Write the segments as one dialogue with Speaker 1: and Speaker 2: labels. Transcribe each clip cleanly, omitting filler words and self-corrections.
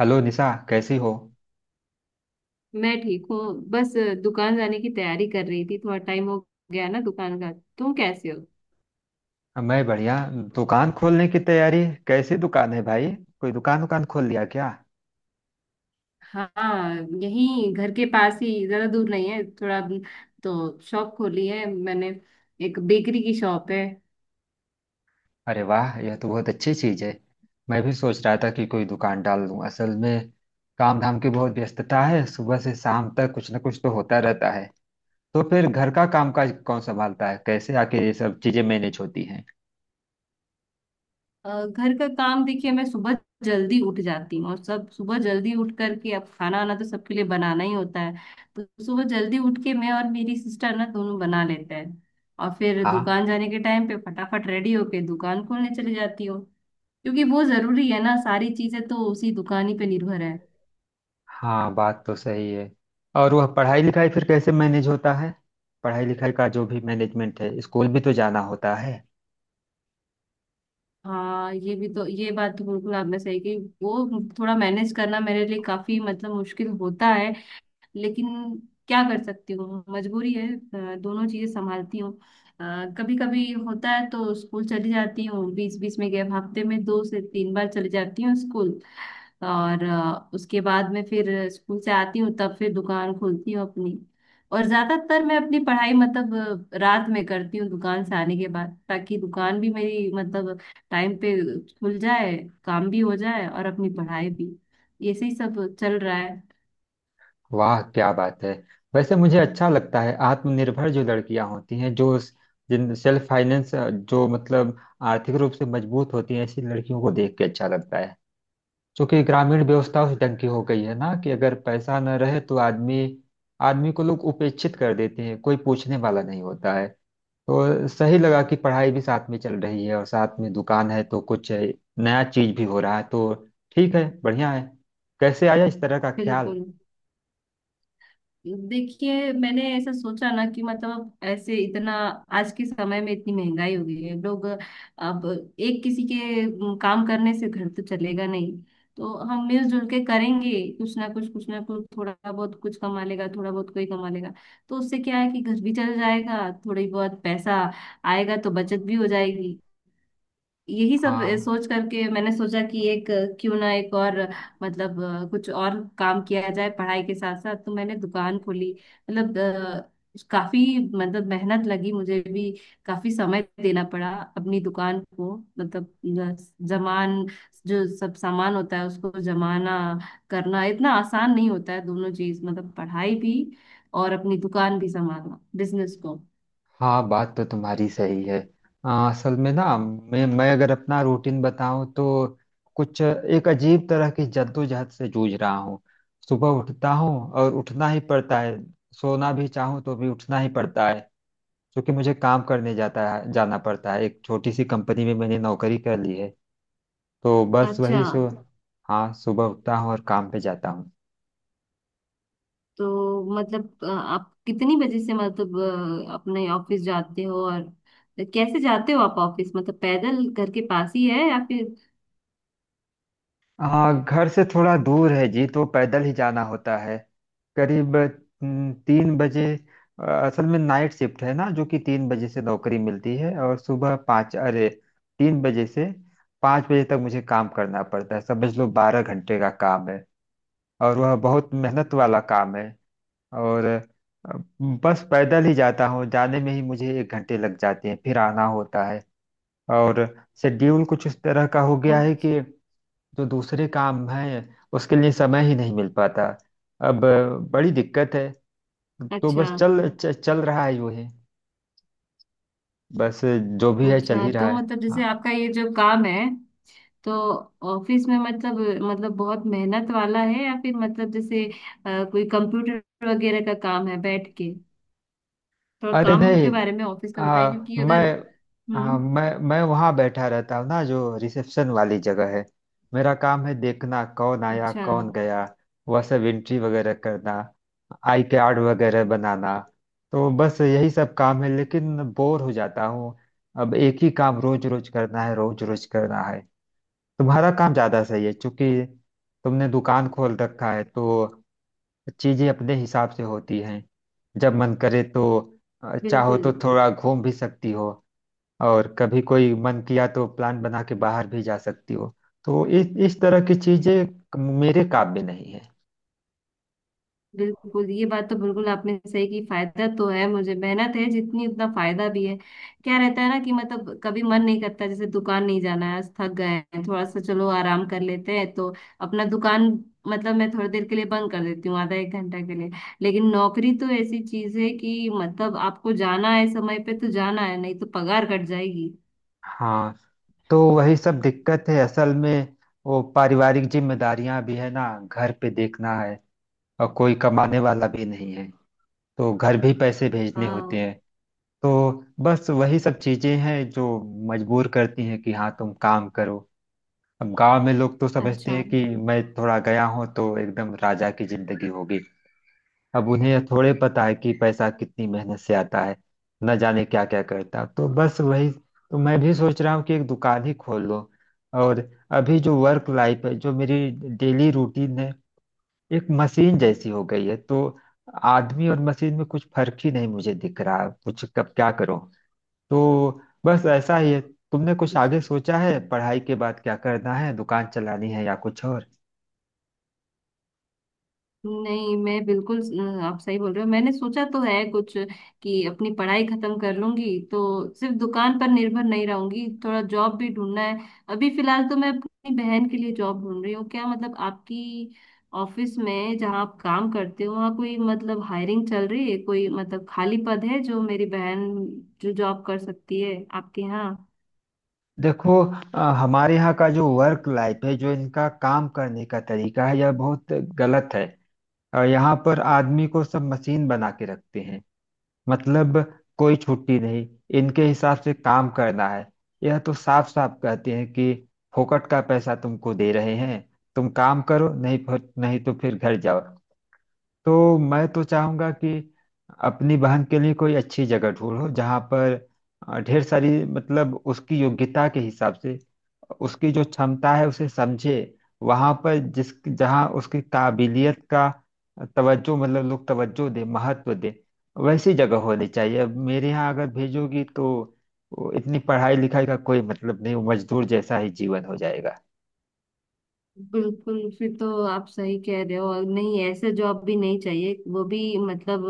Speaker 1: Hello Nisha, कैसी हो।
Speaker 2: मैं ठीक हूँ। बस दुकान जाने की तैयारी कर रही थी। थोड़ा टाइम हो गया ना दुकान का। तुम कैसे हो?
Speaker 1: मैं बढ़िया। दुकान खोलने की तैयारी। कैसी दुकान है भाई। कोई दुकान दुकान खोल लिया क्या।
Speaker 2: हाँ, यही घर के पास ही, ज्यादा दूर नहीं है। थोड़ा तो शॉप खोली है मैंने। एक बेकरी की शॉप है।
Speaker 1: अरे वाह, यह तो बहुत अच्छी चीज है। मैं भी सोच रहा था कि कोई दुकान डाल लूं असल में। काम धाम की बहुत व्यस्तता है, सुबह से शाम तक कुछ ना कुछ तो होता रहता है। तो फिर घर का कामकाज कौन संभालता है, कैसे आके ये सब चीजें मैनेज होती हैं।
Speaker 2: घर का काम देखिए, मैं सुबह जल्दी उठ जाती हूँ और सब सुबह जल्दी उठ करके अब खाना वाना तो सबके लिए बनाना ही होता है। तो सुबह जल्दी उठ के मैं और मेरी सिस्टर ना दोनों बना लेते हैं। और फिर
Speaker 1: हाँ।
Speaker 2: दुकान जाने के टाइम पे फटाफट रेडी होके दुकान खोलने चली जाती हूँ। क्योंकि वो जरूरी है ना, सारी चीजें तो उसी दुकान ही पे निर्भर है।
Speaker 1: हाँ, बात तो सही है। और वह पढ़ाई लिखाई फिर कैसे मैनेज होता है। पढ़ाई लिखाई का जो भी मैनेजमेंट है, स्कूल भी तो जाना होता है।
Speaker 2: हाँ, ये भी तो, ये बात तो बिल्कुल आपने सही की। वो थोड़ा मैनेज करना मेरे लिए काफी मतलब मुश्किल होता है। लेकिन क्या कर सकती हूँ, मजबूरी है। दोनों चीजें संभालती हूँ। कभी कभी होता है तो स्कूल चली जाती हूँ, बीच बीच में गैप, हफ्ते में दो से तीन बार चली जाती हूँ स्कूल। और उसके बाद में फिर स्कूल से आती हूँ, तब फिर दुकान खोलती हूँ अपनी। और ज्यादातर मैं अपनी पढ़ाई मतलब रात में करती हूँ, दुकान से आने के बाद। ताकि दुकान भी मेरी मतलब टाइम पे खुल जाए, काम भी हो जाए और अपनी पढ़ाई भी। ऐसे ही सब चल रहा है।
Speaker 1: वाह क्या बात है। वैसे मुझे अच्छा लगता है आत्मनिर्भर जो लड़कियां होती हैं, जो जिन सेल्फ फाइनेंस जो मतलब आर्थिक रूप से मजबूत होती हैं, ऐसी लड़कियों को देख के अच्छा लगता है। क्योंकि ग्रामीण व्यवस्था उस ढंग की हो गई है ना कि अगर पैसा न रहे तो आदमी आदमी को लोग उपेक्षित कर देते हैं, कोई पूछने वाला नहीं होता है। तो सही लगा कि पढ़ाई भी साथ में चल रही है और साथ में दुकान है, तो कुछ है, नया चीज भी हो रहा है, तो ठीक है, बढ़िया है। कैसे आया इस तरह का ख्याल।
Speaker 2: बिल्कुल। देखिए, मैंने ऐसा सोचा ना कि मतलब ऐसे इतना, आज के समय में इतनी महंगाई हो गई है, लोग अब एक किसी के काम करने से घर तो चलेगा नहीं। तो हम मिलजुल के करेंगे। कुछ ना कुछ, कुछ ना कुछ थोड़ा बहुत कुछ कमा लेगा, थोड़ा बहुत कोई कमा लेगा। तो उससे क्या है कि घर भी चल जाएगा, थोड़ी बहुत पैसा आएगा तो बचत भी हो जाएगी। यही सब
Speaker 1: हाँ।
Speaker 2: सोच करके मैंने सोचा कि एक क्यों ना एक और मतलब कुछ और काम किया जाए पढ़ाई के साथ साथ। तो मैंने दुकान खोली। मतलब काफी मतलब मेहनत लगी मुझे भी। काफी समय देना पड़ा अपनी दुकान को। मतलब जमान जो सब सामान होता है उसको जमाना करना, इतना आसान नहीं होता है। दोनों चीज मतलब पढ़ाई भी और अपनी दुकान भी संभालना, बिजनेस को।
Speaker 1: हाँ, बात तो तुम्हारी सही है। असल में ना मैं अगर अपना रूटीन बताऊं तो कुछ एक अजीब तरह की जद्दोजहद से जूझ रहा हूँ। सुबह उठता हूँ और उठना ही पड़ता है। सोना भी चाहूँ तो भी उठना ही पड़ता है। क्योंकि मुझे काम करने जाता है, जाना पड़ता है। एक छोटी सी कंपनी में मैंने नौकरी कर ली है। तो बस
Speaker 2: अच्छा,
Speaker 1: वही सो। हाँ, सुबह उठता हूँ और काम पे जाता हूँ।
Speaker 2: तो मतलब आप कितनी बजे से मतलब अपने ऑफिस जाते हो? और कैसे जाते हो आप ऑफिस? मतलब पैदल, घर के पास ही है, या फिर?
Speaker 1: हाँ घर से थोड़ा दूर है जी, तो पैदल ही जाना होता है। करीब 3 बजे। असल में नाइट शिफ्ट है ना, जो कि 3 बजे से नौकरी मिलती है और सुबह 5, अरे, 3 बजे से 5 बजे तक मुझे काम करना पड़ता है। समझ लो 12 घंटे का काम है। और वह बहुत मेहनत वाला काम है। और बस पैदल ही जाता हूँ, जाने में ही मुझे 1 घंटे लग जाते हैं, फिर आना होता है। और शेड्यूल कुछ इस तरह का हो गया है
Speaker 2: अच्छा।
Speaker 1: कि जो दूसरे काम है उसके लिए समय ही नहीं मिल पाता। अब बड़ी दिक्कत है। तो
Speaker 2: अच्छा।
Speaker 1: बस चल रहा है यूं ही। बस जो भी है चल
Speaker 2: अच्छा,
Speaker 1: ही रहा
Speaker 2: तो
Speaker 1: है।
Speaker 2: मतलब जैसे
Speaker 1: हाँ।
Speaker 2: आपका ये जो काम है, तो ऑफिस में मतलब मतलब बहुत मेहनत वाला है या फिर मतलब जैसे कोई कंप्यूटर वगैरह का काम है बैठ के? थोड़ा
Speaker 1: अरे
Speaker 2: काम
Speaker 1: नहीं,
Speaker 2: के बारे में ऑफिस का बताइए,
Speaker 1: आ,
Speaker 2: क्योंकि अगर।
Speaker 1: मैं आ,
Speaker 2: हम्म।
Speaker 1: मैं वहाँ बैठा रहता हूँ ना, जो रिसेप्शन वाली जगह है। मेरा काम है देखना कौन आया,
Speaker 2: अच्छा।
Speaker 1: कौन गया। वह सब एंट्री वगैरह करना, आई कार्ड वगैरह बनाना। तो बस यही सब काम है, लेकिन बोर हो जाता हूँ। अब एक ही काम रोज रोज करना है, रोज रोज करना है। तुम्हारा काम ज़्यादा सही है, क्योंकि तुमने दुकान खोल रखा है तो चीजें अपने हिसाब से होती हैं। जब मन करे तो चाहो
Speaker 2: बिल्कुल।
Speaker 1: तो थोड़ा घूम भी सकती हो। और कभी कोई मन किया तो प्लान बना के बाहर भी जा सकती हो। तो इस तरह की चीजें मेरे काबिल नहीं है।
Speaker 2: बिल्कुल ये बात तो बिल्कुल आपने सही की। फायदा तो है, मुझे मेहनत है जितनी उतना फायदा भी है। क्या रहता है ना कि मतलब कभी मन नहीं करता, जैसे दुकान नहीं जाना है आज, थक गए हैं थोड़ा सा, चलो आराम कर लेते हैं, तो अपना दुकान मतलब मैं थोड़ी देर के लिए बंद कर देती हूँ, आधा एक घंटा के लिए। लेकिन नौकरी तो ऐसी चीज है कि मतलब आपको जाना है समय पे तो जाना है, नहीं तो पगार कट जाएगी।
Speaker 1: हाँ। तो वही सब दिक्कत है असल में। वो पारिवारिक जिम्मेदारियां भी है ना, घर पे देखना है। और कोई कमाने वाला भी नहीं है, तो घर भी पैसे भेजने होते
Speaker 2: हाँ।
Speaker 1: हैं। तो बस वही सब चीजें हैं जो मजबूर करती हैं कि हाँ तुम काम करो। अब गांव में लोग तो समझते
Speaker 2: अच्छा।
Speaker 1: हैं कि मैं थोड़ा गया हूँ तो एकदम राजा की जिंदगी होगी। अब उन्हें यह थोड़े पता है कि पैसा कितनी मेहनत से आता है। न जाने क्या क्या करता, तो बस वही तो मैं भी सोच रहा हूँ कि एक दुकान ही खोल लो। और अभी जो वर्क लाइफ है, जो मेरी डेली रूटीन है, एक मशीन जैसी हो गई है। तो आदमी और मशीन में कुछ फर्क ही नहीं मुझे दिख रहा, कुछ कब क्या करो। तो बस ऐसा ही है। तुमने कुछ आगे सोचा है पढ़ाई के बाद क्या करना है, दुकान चलानी है या कुछ और।
Speaker 2: नहीं, मैं बिल्कुल आप सही बोल रहे हो। मैंने सोचा तो है कुछ, कि अपनी पढ़ाई खत्म कर लूंगी तो सिर्फ दुकान पर निर्भर नहीं रहूंगी, थोड़ा जॉब भी ढूंढना है। अभी फिलहाल तो मैं अपनी बहन के लिए जॉब ढूंढ रही हूँ। क्या मतलब आपकी ऑफिस में जहाँ आप काम करते हो, वहाँ कोई मतलब हायरिंग चल रही है? कोई मतलब खाली पद है जो मेरी बहन, जो जॉब कर सकती है आपके यहाँ?
Speaker 1: देखो, हमारे यहाँ का जो वर्क लाइफ है, जो इनका काम करने का तरीका है, यह बहुत गलत है। और यहाँ पर आदमी को सब मशीन बना के रखते हैं। मतलब कोई छुट्टी नहीं, इनके हिसाब से काम करना है। यह तो साफ साफ कहते हैं कि फोकट का पैसा तुमको दे रहे हैं, तुम काम करो नहीं, फिर नहीं तो फिर घर जाओ। तो मैं तो चाहूंगा कि अपनी बहन के लिए कोई अच्छी जगह ढूंढो जहाँ पर ढेर सारी मतलब उसकी योग्यता के हिसाब से, उसकी जो क्षमता है उसे समझे, वहाँ पर जिस जहाँ उसकी काबिलियत का तवज्जो, मतलब लोग तवज्जो दे, महत्व दे, वैसी जगह होनी चाहिए। अब मेरे यहाँ अगर भेजोगी तो वो इतनी पढ़ाई लिखाई का कोई मतलब नहीं, वो मजदूर जैसा ही जीवन हो जाएगा।
Speaker 2: बिल्कुल, फिर तो आप सही कह रहे हो। और नहीं, ऐसे जॉब भी नहीं चाहिए वो भी। मतलब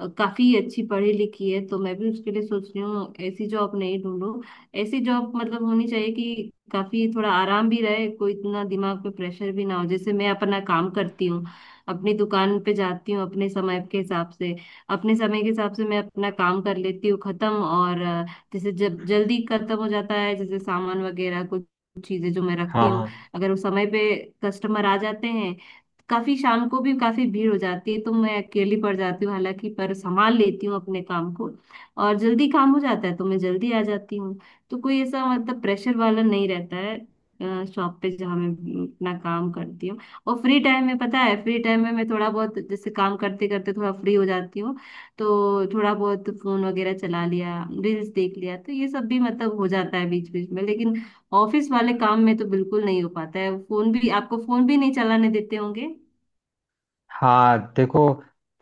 Speaker 2: काफी अच्छी पढ़ी लिखी है, तो मैं भी उसके लिए सोच रही हूँ ऐसी जॉब नहीं ढूंढूं। ऐसी जॉब मतलब होनी चाहिए कि काफी थोड़ा आराम भी रहे, कोई इतना दिमाग पे प्रेशर भी ना हो। जैसे मैं अपना काम करती हूँ, अपनी दुकान पे जाती हूँ अपने समय के हिसाब से, अपने समय के हिसाब से मैं अपना काम कर लेती हूँ खत्म। और जैसे जब जल्दी खत्म हो जाता है, जैसे सामान वगैरह कुछ चीजें जो मैं
Speaker 1: हाँ।
Speaker 2: रखती हूँ,
Speaker 1: हाँ।
Speaker 2: अगर उस समय पे कस्टमर आ जाते हैं, काफी शाम को भी काफी भीड़ हो जाती है, तो मैं अकेली पड़ जाती हूँ हालांकि, पर संभाल लेती हूँ अपने काम को। और जल्दी काम हो जाता है तो मैं जल्दी आ जाती हूँ। तो कोई ऐसा मतलब प्रेशर वाला नहीं रहता है शॉप पे, जहाँ मैं अपना काम करती हूँ। और फ्री टाइम में, पता है, फ्री टाइम में मैं थोड़ा बहुत, जैसे काम करते करते थोड़ा फ्री हो जाती हूँ, तो थोड़ा बहुत फोन वगैरह चला लिया, रील्स देख लिया, तो ये सब भी मतलब हो जाता है बीच बीच में। लेकिन ऑफिस वाले काम में तो बिल्कुल नहीं हो पाता है, फोन भी, आपको फोन भी नहीं चलाने देते होंगे।
Speaker 1: हाँ, देखो,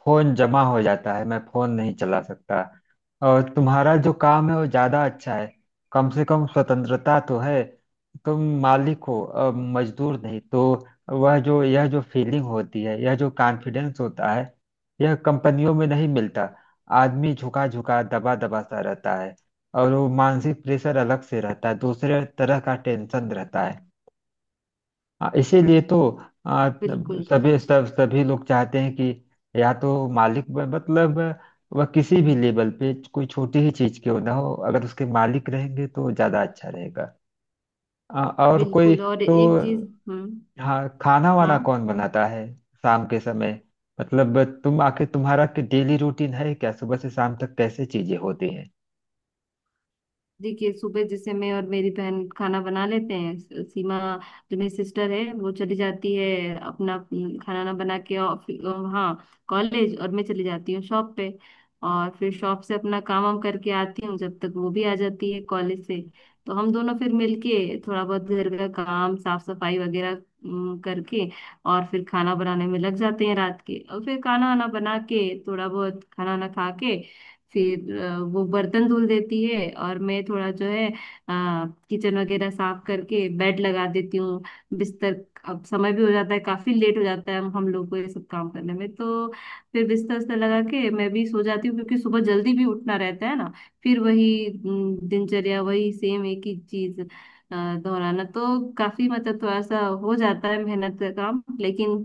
Speaker 1: फोन जमा हो जाता है, मैं फोन नहीं चला सकता। और तुम्हारा जो काम है वो ज्यादा अच्छा है, कम से कम स्वतंत्रता तो है। तुम मालिक हो, अब मजदूर नहीं। तो वह जो यह जो फीलिंग होती है, यह जो कॉन्फिडेंस होता है, यह कंपनियों में नहीं मिलता। आदमी झुका झुका दबा दबा सा रहता है। और वो मानसिक प्रेशर अलग से रहता है, दूसरे तरह का टेंशन रहता है। इसीलिए तो आ,
Speaker 2: बिल्कुल।
Speaker 1: सभी लोग चाहते हैं कि या तो मालिक मतलब वह किसी भी लेवल पे कोई छोटी ही चीज क्यों ना हो, अगर उसके मालिक रहेंगे तो ज्यादा अच्छा रहेगा। और कोई
Speaker 2: बिल्कुल और
Speaker 1: तो
Speaker 2: एक चीज। हम्म।
Speaker 1: हाँ, खाना वाना
Speaker 2: हाँ।
Speaker 1: कौन बनाता है शाम के समय। मतलब तुम आखिर तुम्हारा डेली रूटीन है क्या, सुबह से शाम तक कैसे चीजें होती हैं।
Speaker 2: देखिए, सुबह जैसे मैं और मेरी बहन खाना बना लेते हैं। सीमा जो मेरी सिस्टर है, वो चली जाती है अपना खाना ना बना के हाँ, कॉलेज। और मैं चली जाती हूँ शॉप पे। और फिर शॉप से अपना काम वाम करके आती हूँ, जब तक वो भी आ जाती है कॉलेज से। तो हम दोनों फिर मिलके थोड़ा बहुत घर का काम, साफ सफाई वगैरह करके, और फिर खाना बनाने में लग जाते हैं रात के। और फिर खाना वाना बना के, थोड़ा बहुत खाना वाना खा के, फिर वो बर्तन धुल देती है और मैं थोड़ा जो है किचन वगैरह साफ करके बेड लगा देती हूँ, बिस्तर। अब समय भी हो जाता है काफी लेट हो जाता है हम लोग को ये सब काम करने में। तो फिर बिस्तर उस्तर लगा के मैं भी सो जाती हूँ, क्योंकि सुबह जल्दी भी उठना रहता है ना। फिर वही दिनचर्या, वही सेम एक ही चीज अ, दोहराना, तो काफी मतलब थोड़ा सा हो जाता है मेहनत का काम। लेकिन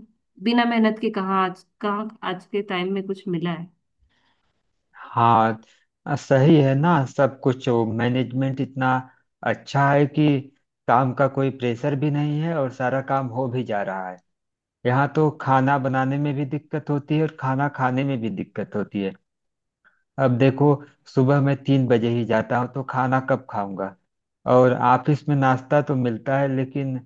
Speaker 2: बिना मेहनत के कहाँ, आज कहाँ आज के टाइम में कुछ मिला है।
Speaker 1: हाँ, सही है ना सब कुछ। मैनेजमेंट इतना अच्छा है कि काम का कोई प्रेशर भी नहीं है, और सारा काम हो भी जा रहा है। यहाँ तो खाना बनाने में भी दिक्कत होती है और खाना खाने में भी दिक्कत होती है। अब देखो, सुबह मैं 3 बजे ही जाता हूँ, तो खाना कब खाऊंगा। और ऑफिस में नाश्ता तो मिलता है लेकिन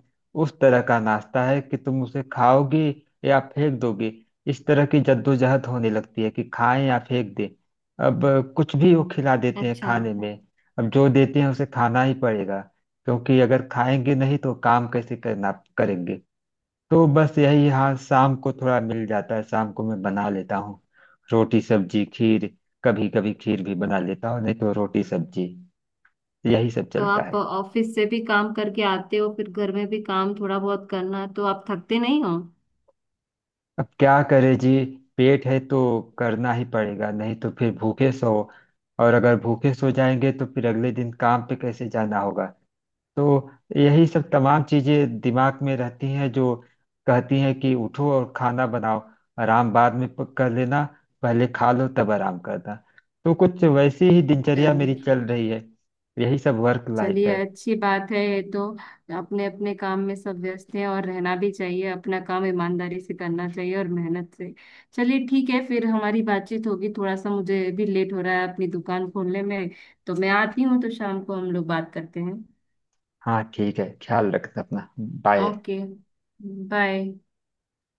Speaker 1: उस तरह का नाश्ता है कि तुम उसे खाओगी या फेंक दोगे। इस तरह की जद्दोजहद होने लगती है कि खाएं या फेंक दें। अब कुछ भी वो खिला देते हैं
Speaker 2: अच्छा,
Speaker 1: खाने में। अब जो देते हैं उसे खाना ही पड़ेगा, क्योंकि अगर खाएंगे नहीं तो काम कैसे करना करेंगे। तो बस यही। हाँ शाम को थोड़ा मिल जाता है, शाम को मैं बना लेता हूँ रोटी सब्जी खीर। कभी कभी खीर भी बना लेता हूँ, नहीं तो रोटी सब्जी, यही सब
Speaker 2: तो
Speaker 1: चलता
Speaker 2: आप
Speaker 1: है।
Speaker 2: ऑफिस से भी काम करके आते हो, फिर घर में भी काम थोड़ा बहुत करना है, तो आप थकते नहीं हो?
Speaker 1: अब क्या करे जी। पेट है तो करना ही पड़ेगा, नहीं तो फिर भूखे सो। और अगर भूखे सो जाएंगे तो फिर अगले दिन काम पे कैसे जाना होगा। तो यही सब तमाम चीजें दिमाग में रहती हैं, जो कहती हैं कि उठो और खाना बनाओ, आराम बाद में कर लेना, पहले खा लो तब आराम करना। तो कुछ वैसी ही दिनचर्या
Speaker 2: चलिए।
Speaker 1: मेरी चल रही है। यही सब वर्क लाइफ
Speaker 2: चलिए,
Speaker 1: है।
Speaker 2: अच्छी बात है ये तो। अपने अपने काम में सब व्यस्त हैं, और रहना भी चाहिए, अपना काम ईमानदारी से करना चाहिए और मेहनत से। चलिए ठीक है, फिर हमारी बातचीत होगी। थोड़ा सा मुझे भी लेट हो रहा है अपनी दुकान खोलने में, तो मैं आती हूँ, तो शाम को हम लोग बात करते हैं।
Speaker 1: हाँ ठीक है, ख्याल रखना अपना, बाय।
Speaker 2: Okay, bye.